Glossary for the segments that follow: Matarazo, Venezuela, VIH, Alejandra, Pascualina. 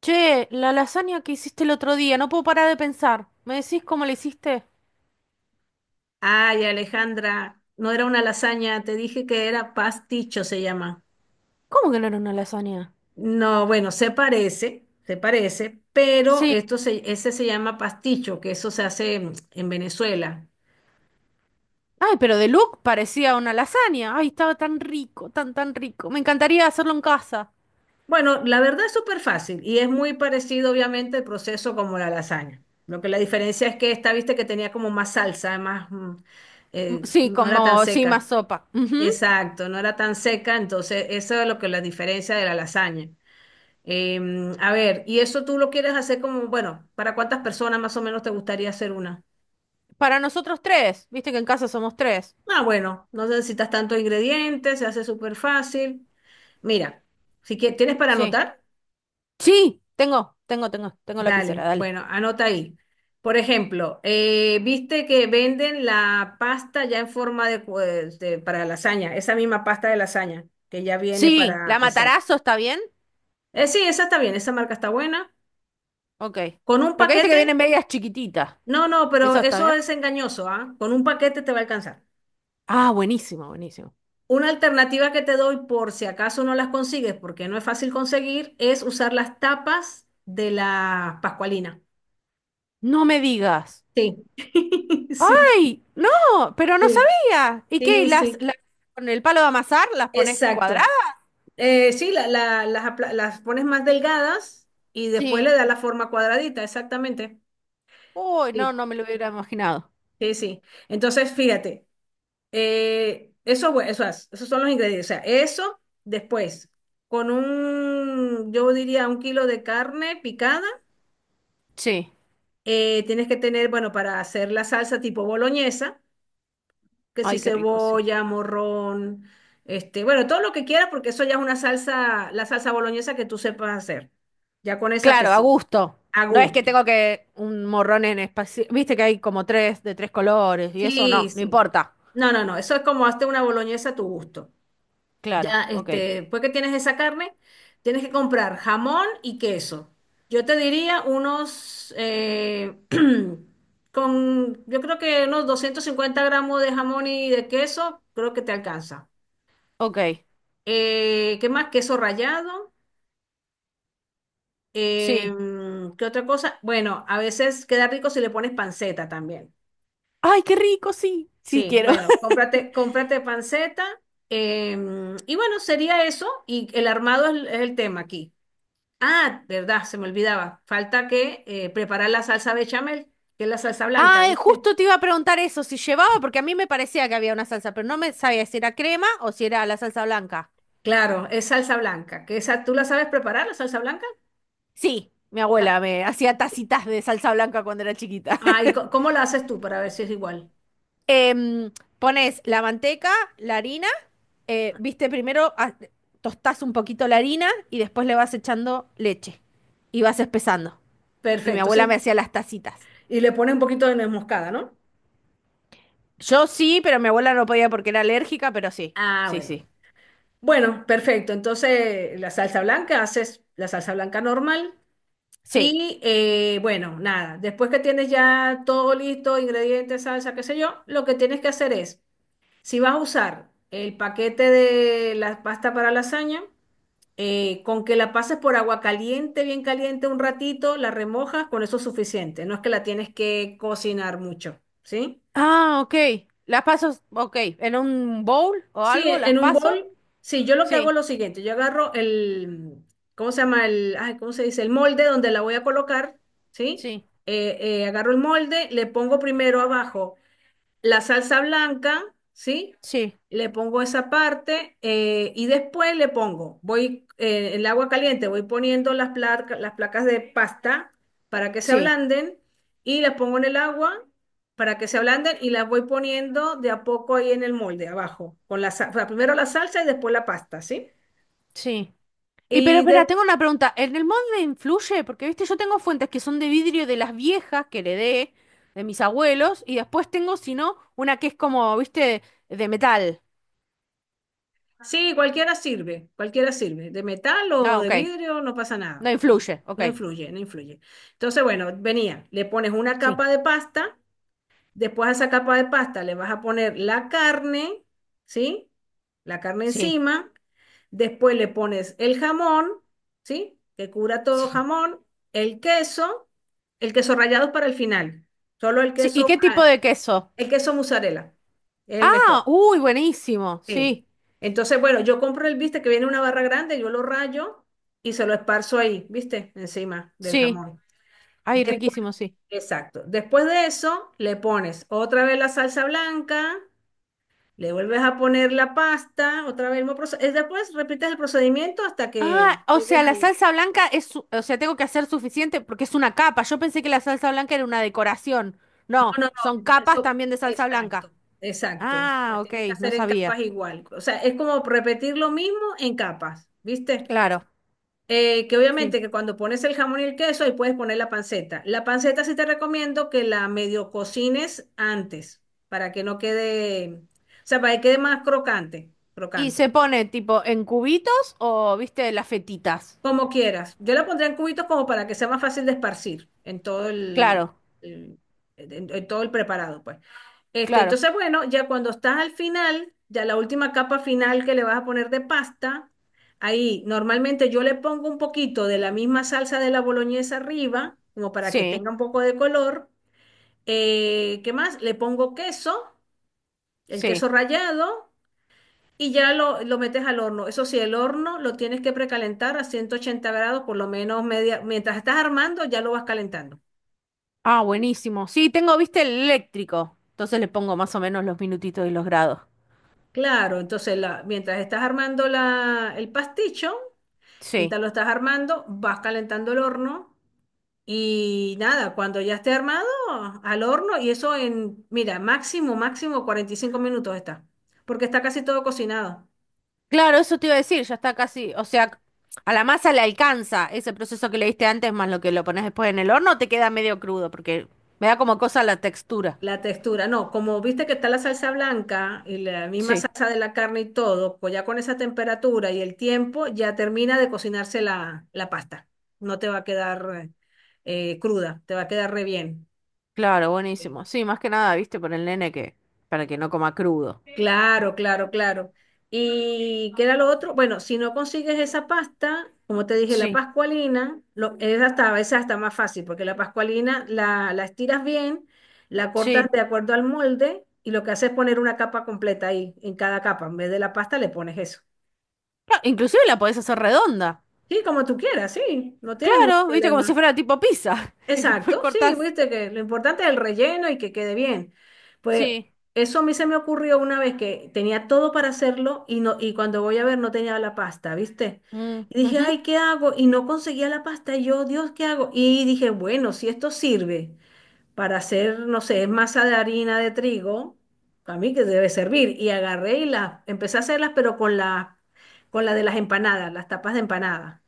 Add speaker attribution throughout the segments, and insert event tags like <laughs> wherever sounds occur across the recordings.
Speaker 1: Che, la lasaña que hiciste el otro día, no puedo parar de pensar. ¿Me decís cómo la hiciste?
Speaker 2: Ay, Alejandra, no era una lasaña, te dije que era pasticho, se llama.
Speaker 1: ¿Cómo que no era una lasaña?
Speaker 2: No, bueno, se parece, pero
Speaker 1: Sí.
Speaker 2: ese se llama pasticho, que eso se hace en Venezuela.
Speaker 1: Ay, pero de look parecía una lasaña. Ay, estaba tan rico, tan, tan rico. Me encantaría hacerlo en casa.
Speaker 2: Bueno, la verdad es súper fácil y es muy parecido, obviamente, el proceso como la lasaña. Lo que la diferencia es que esta, viste, que tenía como más salsa, más,
Speaker 1: Mm, sí,
Speaker 2: no era tan
Speaker 1: como, sí, más
Speaker 2: seca.
Speaker 1: sopa. Ujú.
Speaker 2: Exacto, no era tan seca, entonces eso es lo que la diferencia de la lasaña. A ver, y eso tú lo quieres hacer como, bueno, ¿para cuántas personas más o menos te gustaría hacer una?
Speaker 1: Para nosotros tres. Viste que en casa somos tres.
Speaker 2: Ah, bueno, no necesitas tantos ingredientes, se hace súper fácil. Mira, si quieres, tienes para
Speaker 1: Sí.
Speaker 2: anotar,
Speaker 1: Sí, tengo lapicera,
Speaker 2: dale,
Speaker 1: dale.
Speaker 2: bueno, anota ahí. Por ejemplo, viste que venden la pasta ya en forma de, para lasaña, esa misma pasta de lasaña que ya viene
Speaker 1: Sí,
Speaker 2: para,
Speaker 1: ¿la
Speaker 2: exacto.
Speaker 1: matarazo está bien?
Speaker 2: Sí, esa está bien, esa marca está buena.
Speaker 1: Ok.
Speaker 2: Con un
Speaker 1: Porque viste que
Speaker 2: paquete,
Speaker 1: vienen medias chiquititas.
Speaker 2: no, no, pero
Speaker 1: ¿Eso está
Speaker 2: eso
Speaker 1: bien?
Speaker 2: es engañoso, ¿ah? Con un paquete te va a alcanzar.
Speaker 1: Ah, buenísimo, buenísimo.
Speaker 2: Una alternativa que te doy por si acaso no las consigues, porque no es fácil conseguir, es usar las tapas de la Pascualina.
Speaker 1: No me digas.
Speaker 2: Sí, <laughs> sí,
Speaker 1: ¡Ay! ¡No! Pero no
Speaker 2: sí,
Speaker 1: sabía. ¿Y qué?
Speaker 2: sí,
Speaker 1: ¿Las,
Speaker 2: sí,
Speaker 1: las con el palo de amasar las pones cuadradas?
Speaker 2: exacto. Sí, las, las pones más delgadas y después le
Speaker 1: Sí.
Speaker 2: das la forma cuadradita, exactamente.
Speaker 1: Uy,
Speaker 2: Sí,
Speaker 1: no, no me lo hubiera imaginado.
Speaker 2: sí, sí. Entonces, fíjate, eso, eso esos son los ingredientes. O sea, eso después, con un, yo diría, 1 kilo de carne picada.
Speaker 1: Sí.
Speaker 2: Tienes que tener, bueno, para hacer la salsa tipo boloñesa, que si
Speaker 1: Ay, qué rico, sí.
Speaker 2: cebolla, morrón, este, bueno, todo lo que quieras, porque eso ya es una salsa, la salsa boloñesa que tú sepas hacer. Ya con esa te
Speaker 1: Claro, a
Speaker 2: sirve.
Speaker 1: gusto.
Speaker 2: A
Speaker 1: No es que
Speaker 2: gusto.
Speaker 1: tengo que un morrón en espacio. Viste que hay como tres de tres colores y eso
Speaker 2: Sí,
Speaker 1: no, no
Speaker 2: sí.
Speaker 1: importa.
Speaker 2: No, no, no, eso es como hazte una boloñesa a tu gusto.
Speaker 1: Claro,
Speaker 2: Ya,
Speaker 1: ok.
Speaker 2: este, después que tienes esa carne, tienes que comprar jamón y queso. Yo te diría unos, <clears throat> con, yo creo que unos 250 gramos de jamón y de queso, creo que te alcanza.
Speaker 1: Ok,
Speaker 2: ¿Qué más? Queso rallado. eh,
Speaker 1: sí.
Speaker 2: ¿Qué otra cosa? Bueno, a veces queda rico si le pones panceta también.
Speaker 1: Ay, qué rico, sí. Sí
Speaker 2: Sí,
Speaker 1: quiero.
Speaker 2: bueno,
Speaker 1: <laughs>
Speaker 2: cómprate, cómprate panceta. eh, y bueno, sería eso. Y el armado es el tema aquí. Ah, verdad, se me olvidaba. Falta que preparar la salsa bechamel, que es la salsa blanca,
Speaker 1: Ah,
Speaker 2: ¿viste?
Speaker 1: justo te iba a preguntar eso, si llevaba, porque a mí me parecía que había una salsa, pero no me sabía si era crema o si era la salsa blanca.
Speaker 2: Claro, es salsa blanca. Que esa, ¿tú la sabes preparar, la salsa blanca?
Speaker 1: Sí, mi
Speaker 2: Ah,
Speaker 1: abuela me hacía tacitas de salsa blanca cuando era chiquita.
Speaker 2: ¿Y
Speaker 1: <laughs>
Speaker 2: cómo la haces tú para ver si es igual?
Speaker 1: Em, Pones la manteca, la harina, viste, primero tostás un poquito la harina y después le vas echando leche y vas espesando. Y mi
Speaker 2: Perfecto,
Speaker 1: abuela me
Speaker 2: sí.
Speaker 1: hacía las tacitas.
Speaker 2: Y le pone un poquito de nuez moscada, ¿no?
Speaker 1: Yo sí, pero mi abuela no podía porque era alérgica, pero sí,
Speaker 2: Ah,
Speaker 1: sí,
Speaker 2: bueno.
Speaker 1: sí,
Speaker 2: Bueno, perfecto. Entonces, la salsa blanca, haces la salsa blanca normal.
Speaker 1: sí.
Speaker 2: Y bueno, nada, después que tienes ya todo listo, ingredientes, salsa, qué sé yo, lo que tienes que hacer es: si vas a usar el paquete de la pasta para lasaña, con que la pases por agua caliente, bien caliente un ratito, la remojas, con eso es suficiente. No es que la tienes que cocinar mucho, ¿sí?
Speaker 1: Ah, ok. Las paso, ok, en un bowl o
Speaker 2: Sí,
Speaker 1: algo, las
Speaker 2: en un
Speaker 1: paso.
Speaker 2: bol, sí, yo lo que hago es
Speaker 1: Sí,
Speaker 2: lo siguiente, yo agarro el, ¿cómo se llama? El, ay, ¿cómo se dice? El molde donde la voy a colocar, ¿sí?
Speaker 1: sí,
Speaker 2: Agarro el molde, le pongo primero abajo la salsa blanca, ¿sí?
Speaker 1: sí,
Speaker 2: Le pongo esa parte y después le pongo, voy, el agua caliente, voy poniendo las placas de pasta para que se
Speaker 1: sí,
Speaker 2: ablanden y las pongo en el agua para que se ablanden y las voy poniendo de a poco ahí en el molde, abajo, con la, o sea, primero la salsa y después la pasta, ¿sí?
Speaker 1: sí. Y pero
Speaker 2: Y
Speaker 1: espera, tengo una pregunta. ¿En el molde influye? Porque, viste, yo tengo fuentes que son de vidrio de las viejas que heredé de mis abuelos y después tengo, si no, una que es como, viste, de metal.
Speaker 2: sí, cualquiera sirve, de metal o
Speaker 1: Ah,
Speaker 2: de
Speaker 1: ok.
Speaker 2: vidrio, no pasa nada,
Speaker 1: No
Speaker 2: no,
Speaker 1: influye. Ok.
Speaker 2: no influye, no influye. Entonces, bueno, venía, le pones una
Speaker 1: Sí,
Speaker 2: capa de pasta, después a esa capa de pasta le vas a poner la carne, ¿sí? La carne
Speaker 1: sí,
Speaker 2: encima, después le pones el jamón, ¿sí? Que cura todo
Speaker 1: sí.
Speaker 2: jamón, el queso, el queso rallado es para el final, solo el
Speaker 1: Sí, ¿y
Speaker 2: queso,
Speaker 1: qué tipo
Speaker 2: ah,
Speaker 1: de queso?
Speaker 2: el queso mozzarella, es el mejor.
Speaker 1: Ah, uy, buenísimo.
Speaker 2: Sí.
Speaker 1: Sí,
Speaker 2: Entonces, bueno, yo compro el, viste, que viene una barra grande, yo lo rayo y se lo esparzo ahí, viste, encima del
Speaker 1: sí.
Speaker 2: jamón.
Speaker 1: Ay,
Speaker 2: Después,
Speaker 1: riquísimo, sí.
Speaker 2: exacto. Después de eso, le pones otra vez la salsa blanca, le vuelves a poner la pasta, otra vez el mismo proceso. Después repites el procedimiento hasta que
Speaker 1: Ah, o
Speaker 2: llegues
Speaker 1: sea, la
Speaker 2: al...
Speaker 1: salsa blanca es, su- o sea, tengo que hacer suficiente porque es una capa. Yo pensé que la salsa blanca era una decoración.
Speaker 2: No,
Speaker 1: No,
Speaker 2: no,
Speaker 1: son
Speaker 2: no,
Speaker 1: capas
Speaker 2: eso,
Speaker 1: también de salsa blanca.
Speaker 2: exacto, exacto.
Speaker 1: Ah,
Speaker 2: Las
Speaker 1: ok,
Speaker 2: tienes que
Speaker 1: no
Speaker 2: hacer en
Speaker 1: sabía.
Speaker 2: capas igual. O sea, es como repetir lo mismo en capas, ¿viste?
Speaker 1: Claro.
Speaker 2: Que obviamente
Speaker 1: Sí.
Speaker 2: que cuando pones el jamón y el queso, ahí puedes poner la panceta. La panceta sí te recomiendo que la medio cocines antes, para que no quede, o sea, para que quede más crocante,
Speaker 1: Y
Speaker 2: crocante,
Speaker 1: se pone tipo en cubitos o, viste, las fetitas.
Speaker 2: como quieras. Yo la pondré en cubitos como para que sea más fácil de esparcir en todo el,
Speaker 1: Claro,
Speaker 2: el- en todo el preparado, pues. Este,
Speaker 1: claro.
Speaker 2: entonces, bueno, ya cuando estás al final, ya la última capa final que le vas a poner de pasta, ahí normalmente yo le pongo un poquito de la misma salsa de la boloñesa arriba, como para que
Speaker 1: Sí,
Speaker 2: tenga un poco de color. ¿Qué más? Le pongo queso, el queso
Speaker 1: sí.
Speaker 2: rallado, y ya lo metes al horno. Eso sí, el horno lo tienes que precalentar a 180 grados, por lo menos media, mientras estás armando, ya lo vas calentando.
Speaker 1: Ah, buenísimo. Sí, tengo, viste, el eléctrico. Entonces le pongo más o menos los minutitos y los grados.
Speaker 2: Claro, entonces la, mientras estás armando la, el pasticho,
Speaker 1: Sí.
Speaker 2: mientras lo estás armando, vas calentando el horno y nada, cuando ya esté armado, al horno y eso en, mira, máximo, máximo 45 minutos está, porque está casi todo cocinado.
Speaker 1: Claro, eso te iba a decir, ya está casi, o sea, a la masa le alcanza ese proceso que le diste antes más lo que lo pones después en el horno, te queda medio crudo porque me da como cosa la textura.
Speaker 2: La textura, no, como viste que está la salsa blanca y la misma
Speaker 1: Sí.
Speaker 2: salsa de la carne y todo, pues ya con esa temperatura y el tiempo ya termina de cocinarse la, la pasta. No te va a quedar cruda, te va a quedar re bien.
Speaker 1: Claro, buenísimo. Sí, más que nada, viste, por el nene que, para que no coma crudo.
Speaker 2: Claro, claro, claro. ¿Y qué era lo otro? Bueno, si no consigues esa pasta, como te dije, la
Speaker 1: Sí,
Speaker 2: pascualina, lo, es hasta, a veces hasta más fácil, porque la pascualina la, la estiras bien, la cortas
Speaker 1: sí.
Speaker 2: de acuerdo al molde y lo que hace es poner una capa completa ahí, en cada capa. En vez de la pasta le pones eso.
Speaker 1: Claro, inclusive la podés hacer redonda.
Speaker 2: Sí, como tú quieras, sí, no tienes ningún
Speaker 1: Claro, viste, como si
Speaker 2: problema.
Speaker 1: fuera tipo pizza. <laughs> Y después
Speaker 2: Exacto, sí,
Speaker 1: cortás.
Speaker 2: viste que lo importante es el relleno y que quede bien. Pues
Speaker 1: Sí.
Speaker 2: eso a mí se me ocurrió una vez que tenía todo para hacerlo y no y cuando voy a ver no tenía la pasta, ¿viste?
Speaker 1: Mm,
Speaker 2: Y dije,
Speaker 1: ujú.
Speaker 2: "Ay, ¿qué hago?" Y no conseguía la pasta. Y yo, "Dios, ¿qué hago?" Y dije, "Bueno, si esto sirve para hacer, no sé, masa de harina de trigo, a mí que debe servir." Y agarré y las empecé a hacerlas, pero con la de las empanadas, las tapas de empanada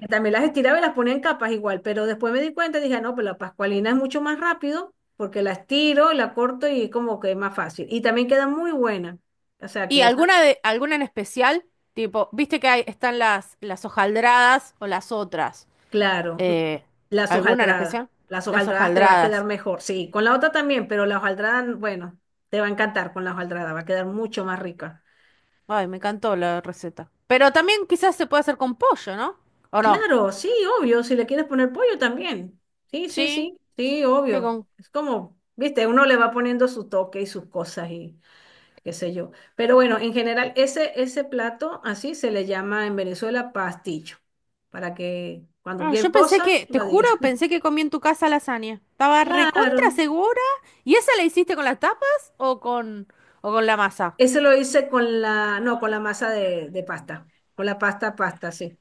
Speaker 2: que también las estiraba y las ponía en capas igual, pero después me di cuenta y dije, "Ah, no, pues la pascualina es mucho más rápido porque la estiro, la corto y como que es más fácil. Y también queda muy buena. O sea
Speaker 1: ¿Y
Speaker 2: que esa,
Speaker 1: alguna de, alguna en especial? Tipo, viste que hay, están las hojaldradas o las otras.
Speaker 2: claro,
Speaker 1: Eh,
Speaker 2: las
Speaker 1: ¿Alguna en
Speaker 2: hojaldradas.
Speaker 1: especial?
Speaker 2: Las
Speaker 1: Las
Speaker 2: hojaldradas te va a quedar
Speaker 1: hojaldradas.
Speaker 2: mejor. Sí, con la otra también, pero la hojaldrada, bueno, te va a encantar con la hojaldrada, va a quedar mucho más rica.
Speaker 1: Ay, me encantó la receta. Pero también quizás se puede hacer con pollo, ¿no? ¿O no?
Speaker 2: Claro, sí, obvio, si le quieres poner pollo también. Sí, sí,
Speaker 1: Sí.
Speaker 2: sí, sí,
Speaker 1: Sí,
Speaker 2: obvio.
Speaker 1: con
Speaker 2: Es como, viste, uno le va poniendo su toque y sus cosas y... qué sé yo. Pero bueno, en general, ese plato así se le llama en Venezuela pastillo, para que cuando
Speaker 1: no,
Speaker 2: cualquier
Speaker 1: yo pensé
Speaker 2: cosa
Speaker 1: que, te
Speaker 2: lo
Speaker 1: juro,
Speaker 2: diga. <laughs>
Speaker 1: pensé que comí en tu casa lasaña. Estaba
Speaker 2: Claro,
Speaker 1: recontra segura. ¿Y esa la hiciste con las tapas o con la masa?
Speaker 2: ese lo hice con la, no, con la masa de pasta, con la pasta, pasta, sí,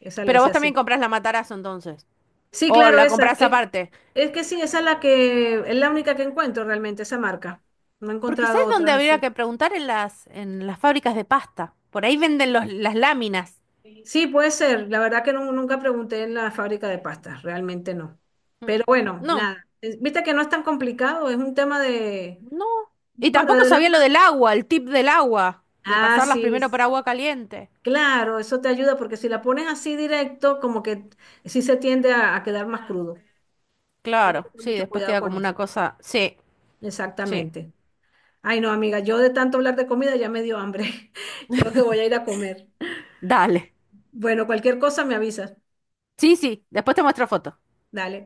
Speaker 2: esa la
Speaker 1: Pero
Speaker 2: hice
Speaker 1: vos también
Speaker 2: así.
Speaker 1: comprás la matarazo entonces.
Speaker 2: Sí,
Speaker 1: O
Speaker 2: claro,
Speaker 1: la
Speaker 2: esa,
Speaker 1: comprás aparte.
Speaker 2: es que sí, esa es la que, es la única que encuentro realmente, esa marca. No he
Speaker 1: Porque
Speaker 2: encontrado
Speaker 1: ¿sabes dónde
Speaker 2: otras
Speaker 1: habría
Speaker 2: así.
Speaker 1: que preguntar? En las fábricas de pasta. Por ahí venden las láminas.
Speaker 2: Sí, puede ser. La verdad que nunca pregunté en la fábrica de pastas, realmente no.
Speaker 1: Mm.
Speaker 2: Pero bueno,
Speaker 1: No,
Speaker 2: nada. Viste que no es tan complicado, es un tema de,
Speaker 1: no. Y
Speaker 2: bueno,
Speaker 1: tampoco
Speaker 2: de la
Speaker 1: sabía lo del
Speaker 2: mano.
Speaker 1: agua, el tip del agua. De
Speaker 2: Ah,
Speaker 1: pasarlas
Speaker 2: sí,
Speaker 1: primero por agua caliente.
Speaker 2: claro, eso te ayuda porque si la pones así directo, como que sí se tiende a quedar más crudo. Tienes que
Speaker 1: Claro,
Speaker 2: tener
Speaker 1: sí,
Speaker 2: mucho
Speaker 1: después
Speaker 2: cuidado
Speaker 1: queda
Speaker 2: con
Speaker 1: como
Speaker 2: eso.
Speaker 1: una cosa. Sí, sí.
Speaker 2: Exactamente. Ay, no, amiga, yo de tanto hablar de comida ya me dio hambre. <laughs> Creo que voy a ir a comer.
Speaker 1: Dale.
Speaker 2: Bueno, cualquier cosa me avisas.
Speaker 1: Sí, sí, después te muestro fotos.
Speaker 2: Dale.